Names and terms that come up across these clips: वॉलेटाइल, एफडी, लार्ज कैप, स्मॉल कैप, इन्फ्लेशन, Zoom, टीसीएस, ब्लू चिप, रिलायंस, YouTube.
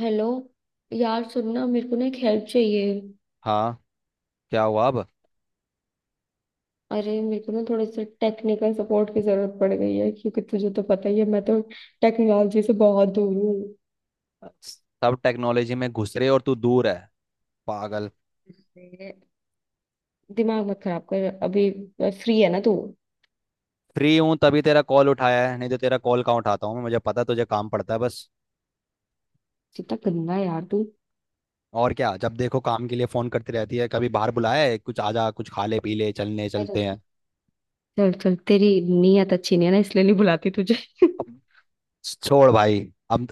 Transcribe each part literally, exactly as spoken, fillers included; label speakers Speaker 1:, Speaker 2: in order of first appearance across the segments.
Speaker 1: Hello. यार सुनना मेरे को ना एक हेल्प चाहिए।
Speaker 2: हाँ। क्या हुआ अब।
Speaker 1: अरे मेरे को ना थोड़े से टेक्निकल सपोर्ट की जरूरत पड़ गई है, क्योंकि तुझे तो पता ही है, मैं तो टेक्नोलॉजी से बहुत दूर हूँ।
Speaker 2: सब टेक्नोलॉजी में घुस रहे और तू दूर है, पागल।
Speaker 1: अरे, दिमाग मत खराब कर अभी। फ्री है ना तू?
Speaker 2: फ्री हूँ तभी तेरा कॉल उठाया है, नहीं तो तेरा कॉल कहाँ उठाता हूँ मैं। मुझे पता है तुझे काम पड़ता है बस।
Speaker 1: कितना गंदा है यार तू।
Speaker 2: और क्या, जब देखो काम के लिए फोन करती रहती है। कभी बाहर बुलाया है, कुछ आजा, कुछ खा ले, पी ले, चलने
Speaker 1: अरे
Speaker 2: चलते हैं।
Speaker 1: चल चल, तेरी नीयत अच्छी नहीं है ना, इसलिए नहीं बुलाती तुझे।
Speaker 2: अब छोड़ भाई। अब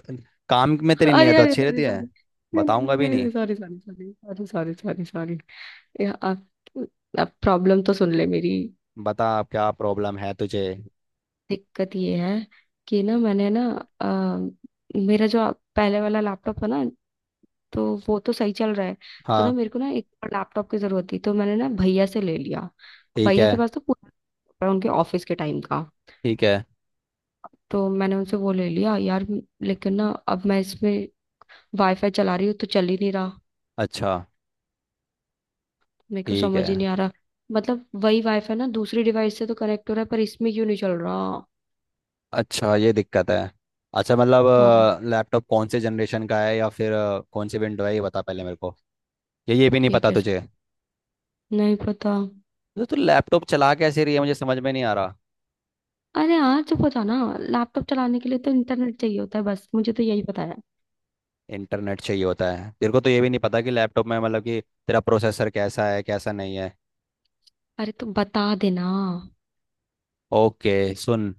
Speaker 2: काम में तेरी
Speaker 1: अरे
Speaker 2: नियत
Speaker 1: अरे
Speaker 2: अच्छी
Speaker 1: सॉरी
Speaker 2: रहती है।
Speaker 1: सॉरी। नहीं
Speaker 2: बताऊंगा
Speaker 1: नहीं
Speaker 2: भी
Speaker 1: नहीं
Speaker 2: नहीं।
Speaker 1: Sorry sorry sorry. Sorry sorry sorry. अब प्रॉब्लम तो सुन ले मेरी।
Speaker 2: बता अब क्या प्रॉब्लम है तुझे।
Speaker 1: दिक्कत ये है कि ना मैंने ना अ, मेरा जो पहले वाला लैपटॉप था ना, तो वो तो सही चल रहा है। तो ना
Speaker 2: हाँ।
Speaker 1: मेरे को ना एक और लैपटॉप की जरूरत थी, तो मैंने ना भैया से ले लिया।
Speaker 2: ठीक
Speaker 1: भैया
Speaker 2: है।
Speaker 1: के पास तो पूरा laptop है, उनके ऑफिस के टाइम का।
Speaker 2: ठीक है।
Speaker 1: तो मैंने उनसे वो ले लिया यार। लेकिन ना अब मैं इसमें वाईफाई चला रही हूँ तो चल ही नहीं रहा।
Speaker 2: अच्छा।
Speaker 1: मेरे को
Speaker 2: ठीक
Speaker 1: समझ ही
Speaker 2: है।
Speaker 1: नहीं आ रहा। मतलब वही वाईफाई ना दूसरी डिवाइस से तो कनेक्ट हो रहा है, पर इसमें क्यों नहीं चल रहा?
Speaker 2: अच्छा, ये दिक्कत है। अच्छा मतलब।
Speaker 1: हाँ।
Speaker 2: लैपटॉप कौन से जनरेशन का है या फिर अ, कौन सी विंडो है ये बता पहले मेरे को। ये ये भी नहीं
Speaker 1: ये
Speaker 2: पता
Speaker 1: कैसे?
Speaker 2: तुझे।
Speaker 1: नहीं पता।
Speaker 2: तो तू लैपटॉप चला कैसे रही है, मुझे समझ में नहीं आ रहा।
Speaker 1: अरे हाँ चुप हो जाओ ना। लैपटॉप चलाने के लिए तो इंटरनेट चाहिए होता है, बस मुझे तो यही पता है।
Speaker 2: इंटरनेट चाहिए होता है तेरे को, तो ये भी नहीं पता कि लैपटॉप में मतलब कि तेरा प्रोसेसर कैसा है, कैसा नहीं है।
Speaker 1: अरे तो बता देना।
Speaker 2: ओके सुन।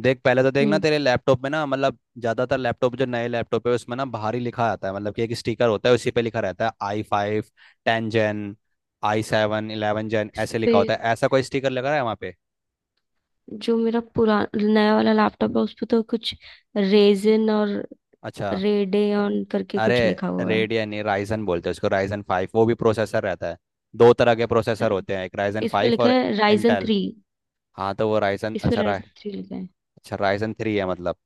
Speaker 2: देख पहले तो देखना
Speaker 1: हम्म।
Speaker 2: तेरे लैपटॉप में ना, मतलब ज्यादातर लैपटॉप जो नए लैपटॉप है उसमें ना बाहर ही लिखा आता है। मतलब कि एक स्टिकर होता है, उसी पे लिखा रहता है I five ten gen, I seven eleven gen,
Speaker 1: इस
Speaker 2: ऐसे
Speaker 1: पे
Speaker 2: लिखा होता है। ऐसा कोई स्टिकर लगा है वहाँ पे।
Speaker 1: जो मेरा पुरा नया वाला लैपटॉप है उस पे तो कुछ रेजिन और
Speaker 2: अच्छा।
Speaker 1: रेडेन करके
Speaker 2: अरे
Speaker 1: कुछ लिखा हुआ है।
Speaker 2: रेडियन नहीं, राइजन बोलते हैं उसको। राइजन फाइव वो भी प्रोसेसर रहता है। दो तरह के प्रोसेसर होते हैं, एक राइजन
Speaker 1: इस पे
Speaker 2: फाइव
Speaker 1: लिखा
Speaker 2: और
Speaker 1: है राइजन
Speaker 2: इंटेल।
Speaker 1: थ्री।
Speaker 2: हाँ तो वो राइजन
Speaker 1: इस पे
Speaker 2: अच्छा रा,
Speaker 1: राइजन थ्री लिखा है।
Speaker 2: अच्छा राइजन थ्री है मतलब।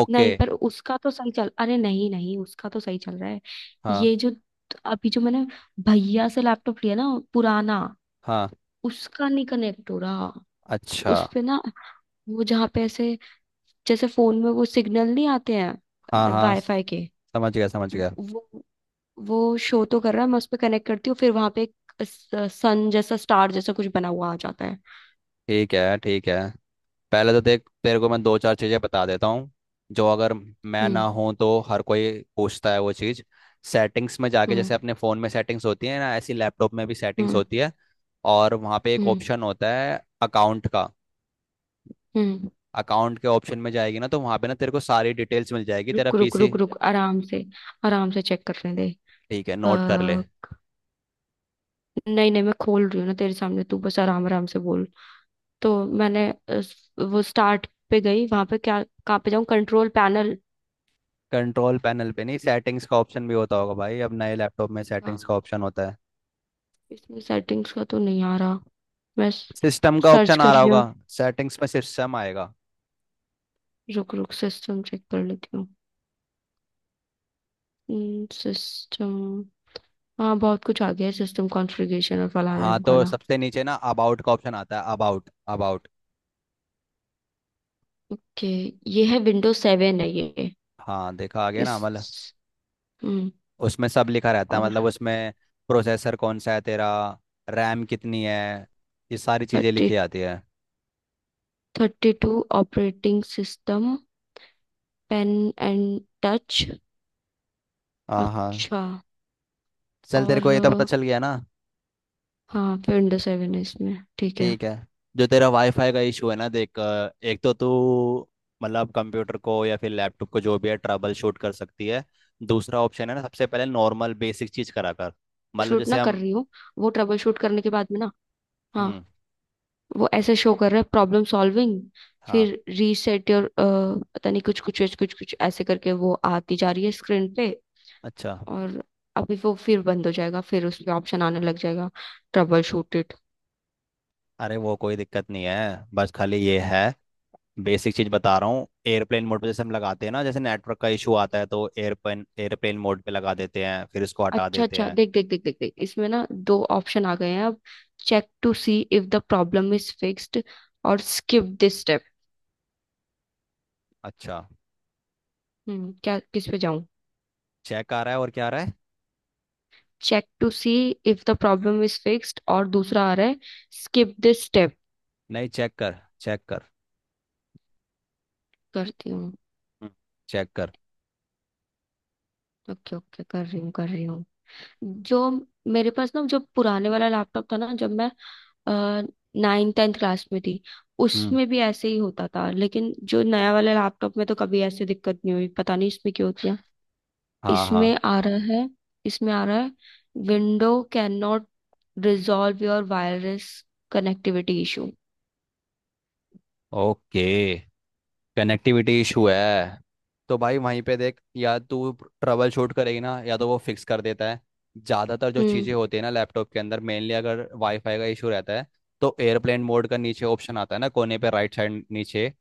Speaker 2: ओके।
Speaker 1: नहीं पर उसका तो सही चल, अरे नहीं नहीं उसका तो सही चल रहा है।
Speaker 2: हाँ।
Speaker 1: ये जो अभी जो मैंने भैया से लैपटॉप लिया ना पुराना,
Speaker 2: हाँ।
Speaker 1: उसका नहीं कनेक्ट हो रहा।
Speaker 2: अच्छा।
Speaker 1: उस पे ना वो जहाँ पे ऐसे जैसे फोन में वो सिग्नल नहीं आते
Speaker 2: हाँ
Speaker 1: हैं
Speaker 2: हाँ,
Speaker 1: वाईफाई के
Speaker 2: समझ गया समझ गया।
Speaker 1: वो वो शो तो कर रहा है। मैं उस पर कनेक्ट करती हूँ, फिर वहां पे एक सन जैसा स्टार जैसा कुछ बना हुआ आ जाता है।
Speaker 2: ठीक है। ठीक है। पहले तो देख तेरे को मैं दो चार चीज़ें बता देता हूँ, जो अगर मैं ना
Speaker 1: हम्म।
Speaker 2: हूँ तो हर कोई पूछता है वो चीज़। सेटिंग्स में जाके,
Speaker 1: हम्म।
Speaker 2: जैसे अपने फ़ोन में सेटिंग्स होती है ना, ऐसी लैपटॉप में भी सेटिंग्स
Speaker 1: हम्म।
Speaker 2: होती है। और वहाँ पे एक
Speaker 1: हम्म।
Speaker 2: ऑप्शन होता है अकाउंट का।
Speaker 1: हम्म।
Speaker 2: अकाउंट के ऑप्शन में जाएगी ना तो वहाँ पे ना तेरे को सारी डिटेल्स मिल जाएगी, तेरा
Speaker 1: रुक रुक
Speaker 2: पीसी।
Speaker 1: रुक रुक, आराम से। आराम से चेक करने दे।
Speaker 2: ठीक है, नोट कर ले।
Speaker 1: आ, नहीं नहीं मैं खोल रही हूँ ना तेरे सामने, तू बस आराम आराम से बोल। तो मैंने अ, वो स्टार्ट पे गई, वहां पे क्या? कहाँ पे जाऊँ? Control panel?
Speaker 2: कंट्रोल पैनल पे नहीं, सेटिंग्स का ऑप्शन भी होता होगा भाई, अब नए लैपटॉप में सेटिंग्स का ऑप्शन होता है।
Speaker 1: इसमें सेटिंग्स का तो नहीं आ रहा। मैं
Speaker 2: सिस्टम का
Speaker 1: सर्च
Speaker 2: ऑप्शन आ
Speaker 1: कर
Speaker 2: रहा
Speaker 1: रही
Speaker 2: होगा।
Speaker 1: हूँ।
Speaker 2: सेटिंग्स में सिस्टम आएगा।
Speaker 1: रुक रुक सिस्टम चेक कर लेती हूँ। सिस्टम। हाँ बहुत कुछ आ गया है, सिस्टम कॉन्फ़िगरेशन और फलाना
Speaker 2: हाँ, तो
Speaker 1: ढिमकाना।
Speaker 2: सबसे नीचे ना अबाउट का ऑप्शन आता है, अबाउट अबाउट।
Speaker 1: ओके। ये है विंडोज सेवन है ये।
Speaker 2: हाँ देखा, आ गया ना मतलब।
Speaker 1: इस। हम्म।
Speaker 2: उसमें सब लिखा रहता है, मतलब
Speaker 1: और
Speaker 2: उसमें प्रोसेसर कौन सा है तेरा, रैम कितनी है, ये सारी चीज़ें
Speaker 1: थर्टी
Speaker 2: लिखी आती है।
Speaker 1: Thirty two operating system, pen and touch.
Speaker 2: हाँ हाँ।
Speaker 1: अच्छा।
Speaker 2: चल, तेरे को ये तो पता
Speaker 1: और
Speaker 2: चल गया ना।
Speaker 1: हाँ विंडोज सेवन है इसमें, ठीक है।
Speaker 2: ठीक है। जो तेरा वाईफाई का इशू है ना, देख, अ, एक तो तू मतलब कंप्यूटर को या फिर लैपटॉप को, जो भी है, ट्रबल शूट कर सकती है। दूसरा ऑप्शन है ना, सबसे पहले नॉर्मल बेसिक चीज़ करा कर। मतलब
Speaker 1: शूट
Speaker 2: जैसे
Speaker 1: ना कर
Speaker 2: हम।
Speaker 1: रही हूँ, वो ट्रबल शूट करने के बाद में ना। हाँ।
Speaker 2: हम्म।
Speaker 1: वो ऐसे शो कर रहा है प्रॉब्लम सॉल्विंग।
Speaker 2: हाँ।
Speaker 1: फिर रीसेट योर पता नहीं कुछ कुछ कुछ कुछ कुछ ऐसे करके वो आती जा रही है स्क्रीन पे।
Speaker 2: अच्छा।
Speaker 1: और अभी वो फिर बंद हो जाएगा, फिर उस पे ऑप्शन आने लग जाएगा ट्रबल शूट इट।
Speaker 2: अरे वो कोई दिक्कत नहीं है, बस खाली ये है। बेसिक चीज बता रहा हूँ, एयरप्लेन मोड पे जैसे हम लगाते हैं ना, जैसे नेटवर्क का इशू आता है तो एयरप्लेन एयरप्लेन मोड पे लगा देते हैं, फिर इसको हटा
Speaker 1: अच्छा
Speaker 2: देते
Speaker 1: अच्छा
Speaker 2: हैं।
Speaker 1: देख देख देख देख देख, इसमें ना दो ऑप्शन आ गए हैं अब। Check to see if the problem is fixed और स्किप दिस स्टेप।
Speaker 2: अच्छा।
Speaker 1: हम्म क्या, किस पे जाऊं?
Speaker 2: चेक आ रहा है, और क्या आ रहा है।
Speaker 1: Check to see if the problem is fixed और दूसरा आ रहा है स्किप दिस स्टेप।
Speaker 2: नहीं चेक कर, चेक कर,
Speaker 1: करती हूँ।
Speaker 2: चेक कर।
Speaker 1: ओके ओके कर रही हूँ कर रही हूँ। जो मेरे पास ना जो पुराने वाला लैपटॉप था ना, जब मैं नाइन टेंथ क्लास में थी,
Speaker 2: हम्म।
Speaker 1: उसमें भी ऐसे ही होता था, लेकिन जो नया वाला लैपटॉप में तो कभी ऐसे दिक्कत नहीं हुई, पता नहीं इसमें क्यों होती है।
Speaker 2: हाँ हाँ।
Speaker 1: इसमें आ रहा है। इसमें आ रहा है window cannot resolve your wireless connectivity issue.
Speaker 2: Okay, connectivity issue है। तो भाई वहीं पे देख, या तू ट्रबल शूट करेगी ना, या तो वो फिक्स कर देता है। ज़्यादातर जो
Speaker 1: हम्म।
Speaker 2: चीज़ें होती है ना लैपटॉप के अंदर, मेनली अगर वाईफाई का इशू रहता है, तो एयरप्लेन मोड का नीचे ऑप्शन आता है ना, कोने पे राइट साइड नीचे,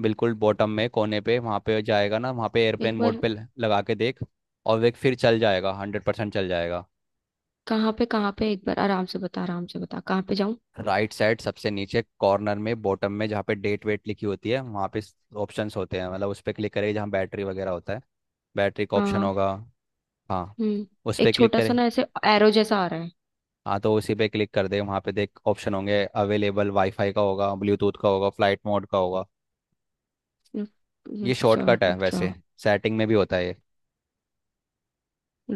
Speaker 2: बिल्कुल बॉटम में कोने पे, वहाँ पे जाएगा ना, वहाँ पे
Speaker 1: एक
Speaker 2: एयरप्लेन मोड
Speaker 1: बार।
Speaker 2: पे ल- लगा के देख। और वे फिर चल जाएगा, हंड्रेड परसेंट चल जाएगा।
Speaker 1: कहाँ पे कहाँ पे, एक बार आराम से बता, आराम से बता कहाँ पे जाऊँ।
Speaker 2: राइट साइड सबसे नीचे कॉर्नर में, बॉटम में जहाँ पे डेट वेट लिखी होती है वहाँ पे ऑप्शंस होते हैं। मतलब उस पर क्लिक करें जहाँ बैटरी वगैरह होता है। बैटरी का ऑप्शन
Speaker 1: हाँ।
Speaker 2: होगा। हाँ।
Speaker 1: हम्म।
Speaker 2: उस पर
Speaker 1: एक
Speaker 2: क्लिक
Speaker 1: छोटा सा
Speaker 2: करें।
Speaker 1: ना ऐसे एरो जैसा आ रहा है।
Speaker 2: हाँ तो उसी पे क्लिक कर दे, वहाँ पे देख ऑप्शन होंगे अवेलेबल, वाईफाई का होगा, ब्लूटूथ का होगा, फ्लाइट मोड का होगा।
Speaker 1: रुक,
Speaker 2: ये
Speaker 1: रुक जाओ
Speaker 2: शॉर्टकट है
Speaker 1: रुक जाओ।
Speaker 2: वैसे, सेटिंग में भी होता है ये।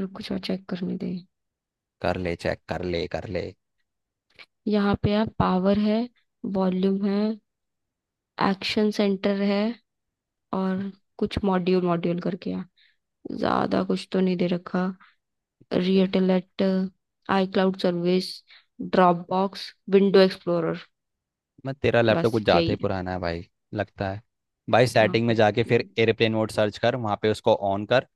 Speaker 1: रुको थोड़ा चेक करने दे।
Speaker 2: कर ले, चेक कर ले, कर ले।
Speaker 1: यहाँ पे है, पावर है, वॉल्यूम है, एक्शन सेंटर है, और कुछ मॉड्यूल मॉड्यूल करके है। ज्यादा कुछ तो नहीं दे रखा। रियटेलेट, iCloud service, Dropbox, window explorer.
Speaker 2: मैं तेरा लैपटॉप
Speaker 1: बस
Speaker 2: कुछ ज़्यादा ही
Speaker 1: यही है।
Speaker 2: पुराना है भाई लगता है। भाई
Speaker 1: हाँ
Speaker 2: सेटिंग में
Speaker 1: भाई
Speaker 2: जाके फिर
Speaker 1: चलो।
Speaker 2: एयरप्लेन मोड सर्च कर, वहाँ पे उसको ऑन कर,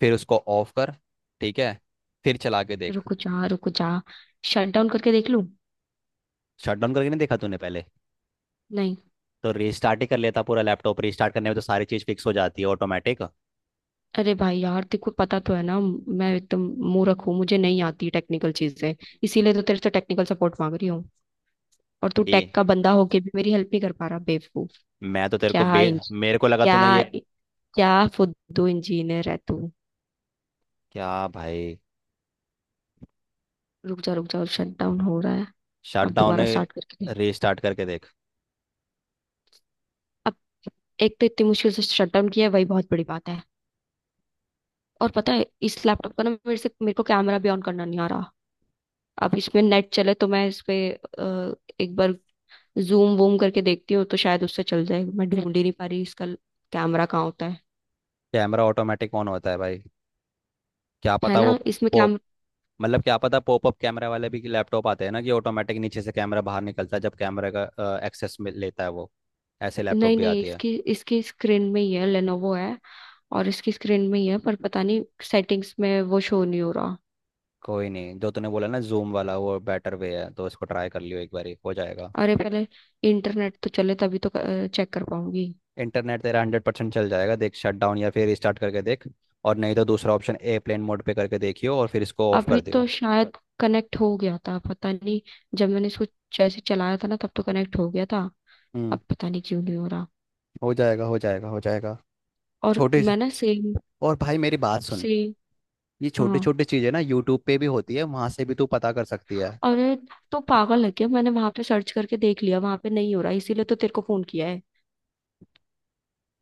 Speaker 2: फिर उसको ऑफ कर। ठीक है। फिर चला के देख।
Speaker 1: रुको जा रुको जा, शट डाउन करके देख लूं।
Speaker 2: शट डाउन करके नहीं देखा तूने पहले।
Speaker 1: नहीं।
Speaker 2: तो रीस्टार्ट ही कर लेता, पूरा लैपटॉप रीस्टार्ट करने में तो सारी चीज़ फिक्स हो जाती है ऑटोमेटिक।
Speaker 1: अरे भाई यार तेको पता तो है ना, मैं एकदम मूर्ख हूँ, मुझे नहीं आती टेक्निकल चीजें, इसीलिए तो तेरे से टेक्निकल सपोर्ट मांग रही हूँ। और तू
Speaker 2: ये
Speaker 1: टेक का बंदा होके भी मेरी हेल्प नहीं कर पा रहा बेवकूफ।
Speaker 2: मैं तो तेरे को
Speaker 1: क्या
Speaker 2: बे,
Speaker 1: इंज
Speaker 2: मेरे को लगा तूने
Speaker 1: क्या?
Speaker 2: ये।
Speaker 1: क्या फुद्दू इंजीनियर है तू?
Speaker 2: क्या भाई।
Speaker 1: रुक जा रुक जा, शट डाउन हो रहा है।
Speaker 2: शट
Speaker 1: अब
Speaker 2: डाउन।
Speaker 1: दोबारा स्टार्ट करके दे।
Speaker 2: रीस्टार्ट करके देख।
Speaker 1: अब एक तो इतनी मुश्किल से शट डाउन किया है, वही बहुत बड़ी बात है। और पता है इस लैपटॉप का ना मेरे से मेरे को कैमरा भी ऑन करना नहीं आ रहा। अब इसमें नेट चले तो मैं इस पे अ, एक बार जूम वूम करके देखती हूँ, तो शायद उससे चल जाए। मैं ढूंढ ही नहीं पा रही इसका कैमरा कहाँ होता है।
Speaker 2: कैमरा ऑटोमेटिक ऑन होता है भाई। क्या
Speaker 1: है
Speaker 2: पता
Speaker 1: ना
Speaker 2: वो
Speaker 1: इसमें
Speaker 2: पॉप,
Speaker 1: कैम
Speaker 2: मतलब क्या पता, पॉपअप कैमरा वाले भी लैपटॉप आते हैं ना कि ऑटोमेटिक नीचे से कैमरा बाहर निकलता है जब कैमरे का एक्सेस लेता है वो। ऐसे लैपटॉप
Speaker 1: नहीं
Speaker 2: भी
Speaker 1: नहीं
Speaker 2: आती है।
Speaker 1: इसकी इसकी स्क्रीन में ही है, लेनोवो है, और इसकी स्क्रीन में ही है पर पता नहीं सेटिंग्स में वो शो नहीं हो रहा।
Speaker 2: कोई नहीं, जो तूने बोला ना जूम वाला, वो बेटर वे है, तो इसको ट्राई कर लियो, एक बार हो जाएगा।
Speaker 1: अरे पहले इंटरनेट तो चले तभी तो चेक कर पाऊंगी।
Speaker 2: इंटरनेट तेरा हंड्रेड परसेंट चल जाएगा, देख शट डाउन या फिर रिस्टार्ट करके देख। और नहीं तो दूसरा ऑप्शन, एयरप्लेन मोड पे करके देखियो, और फिर इसको ऑफ कर
Speaker 1: अभी तो
Speaker 2: दियो।
Speaker 1: शायद कनेक्ट हो गया था पता नहीं। जब मैंने इसको जैसे चलाया था ना, तब तो कनेक्ट हो गया था।
Speaker 2: हम्म।
Speaker 1: अब पता नहीं क्यों नहीं हो रहा।
Speaker 2: हो जाएगा, हो जाएगा, हो जाएगा।
Speaker 1: और
Speaker 2: छोटे से-
Speaker 1: मैं ना सेम
Speaker 2: और भाई मेरी बात सुन,
Speaker 1: सेम।
Speaker 2: ये छोटी
Speaker 1: हाँ।
Speaker 2: छोटी चीजें ना यूट्यूब पे भी होती है, वहां से भी तू पता कर सकती है।
Speaker 1: अरे तो पागल है क्या, मैंने वहां पे सर्च करके देख लिया, वहां पे नहीं हो रहा, इसीलिए तो तेरे को फोन किया है।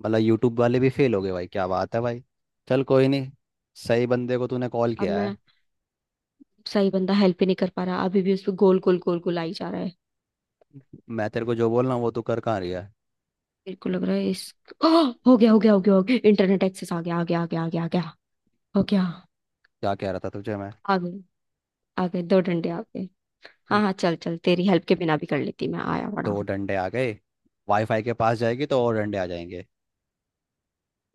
Speaker 2: मतलब यूट्यूब वाले भी फेल हो गए भाई, क्या बात है भाई। चल, कोई नहीं, सही बंदे को तूने कॉल
Speaker 1: अब
Speaker 2: किया है।
Speaker 1: मैं, सही बंदा हेल्प ही नहीं कर पा रहा, अभी भी उस पर गोल गोल गोल गोल आई जा रहा है।
Speaker 2: मैं तेरे को जो बोल रहा हूँ वो तू कर कहाँ रही है।
Speaker 1: मेरे को लग रहा है इस ओह! हो गया हो गया हो गया हो गया, इंटरनेट एक्सेस आ गया आ गया आ गया आ गया आ गया। हो गया।
Speaker 2: क्या कह रहा था तुझे मैं।
Speaker 1: आ गए। आ गए दो डंडे आ गए। हाँ हाँ चल चल, तेरी हेल्प के बिना भी कर लेती मैं, आया बड़ा
Speaker 2: दो
Speaker 1: हूँ।
Speaker 2: डंडे आ गए, वाईफाई के पास जाएगी तो और डंडे आ जाएंगे।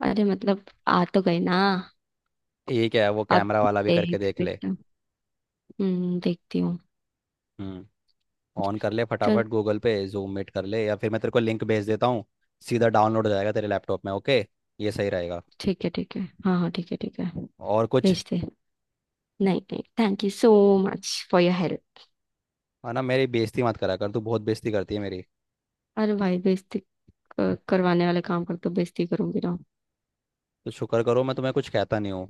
Speaker 1: अरे मतलब आ तो गए ना।
Speaker 2: ये क्या है, वो
Speaker 1: अब
Speaker 2: कैमरा वाला भी करके
Speaker 1: देख
Speaker 2: देख ले।
Speaker 1: बेटा। हम्म देखती हूँ।
Speaker 2: हम्म। ऑन कर ले
Speaker 1: चल
Speaker 2: फटाफट, गूगल पे जूम मीट कर ले, या फिर मैं तेरे को लिंक भेज देता हूँ, सीधा डाउनलोड हो जाएगा तेरे लैपटॉप में, ओके। ये सही रहेगा।
Speaker 1: ठीक है ठीक है हाँ हाँ ठीक है ठीक है।
Speaker 2: और कुछ।
Speaker 1: भेज दे। नहीं नहीं thank you so much for your help.
Speaker 2: है ना, मेरी बेइज्जती मत करा कर, तू बहुत बेइज्जती करती है मेरी।
Speaker 1: अरे भाई बेइज्जती, क- करवाने वाले काम कर तो बेइज्जती करूंगी ना।
Speaker 2: तो शुक्र करो मैं तुम्हें कुछ कहता नहीं हूँ,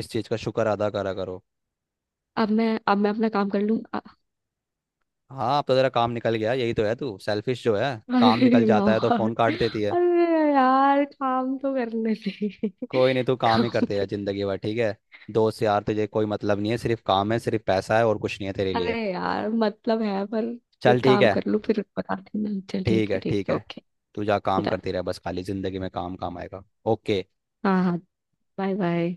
Speaker 2: इस चीज़ का शुक्र अदा करा करो।
Speaker 1: अब मैं अब मैं अपना काम कर लूँ।
Speaker 2: हाँ अब तो तेरा काम निकल गया, यही तो है, तू सेल्फिश जो है। काम
Speaker 1: अरे
Speaker 2: निकल जाता है तो
Speaker 1: यार।
Speaker 2: फ़ोन काट देती है।
Speaker 1: अरे यार काम तो करने दे।
Speaker 2: कोई नहीं, तू काम ही
Speaker 1: काम
Speaker 2: करते
Speaker 1: तो।
Speaker 2: रह जिंदगी भर, ठीक है। दोस्त यार तुझे कोई मतलब नहीं है, सिर्फ काम है, सिर्फ पैसा है, और कुछ नहीं है तेरे
Speaker 1: अरे
Speaker 2: लिए।
Speaker 1: यार मतलब है पर ये
Speaker 2: चल ठीक
Speaker 1: काम
Speaker 2: है।
Speaker 1: कर लूँ, फिर बताती हूँ ना। चल
Speaker 2: ठीक
Speaker 1: ठीक
Speaker 2: है
Speaker 1: है ठीक
Speaker 2: ठीक
Speaker 1: है
Speaker 2: है।
Speaker 1: ओके।
Speaker 2: तू जा काम
Speaker 1: डन।
Speaker 2: करती रह, बस खाली जिंदगी में काम काम आएगा। ओके।
Speaker 1: हाँ हाँ। Bye bye.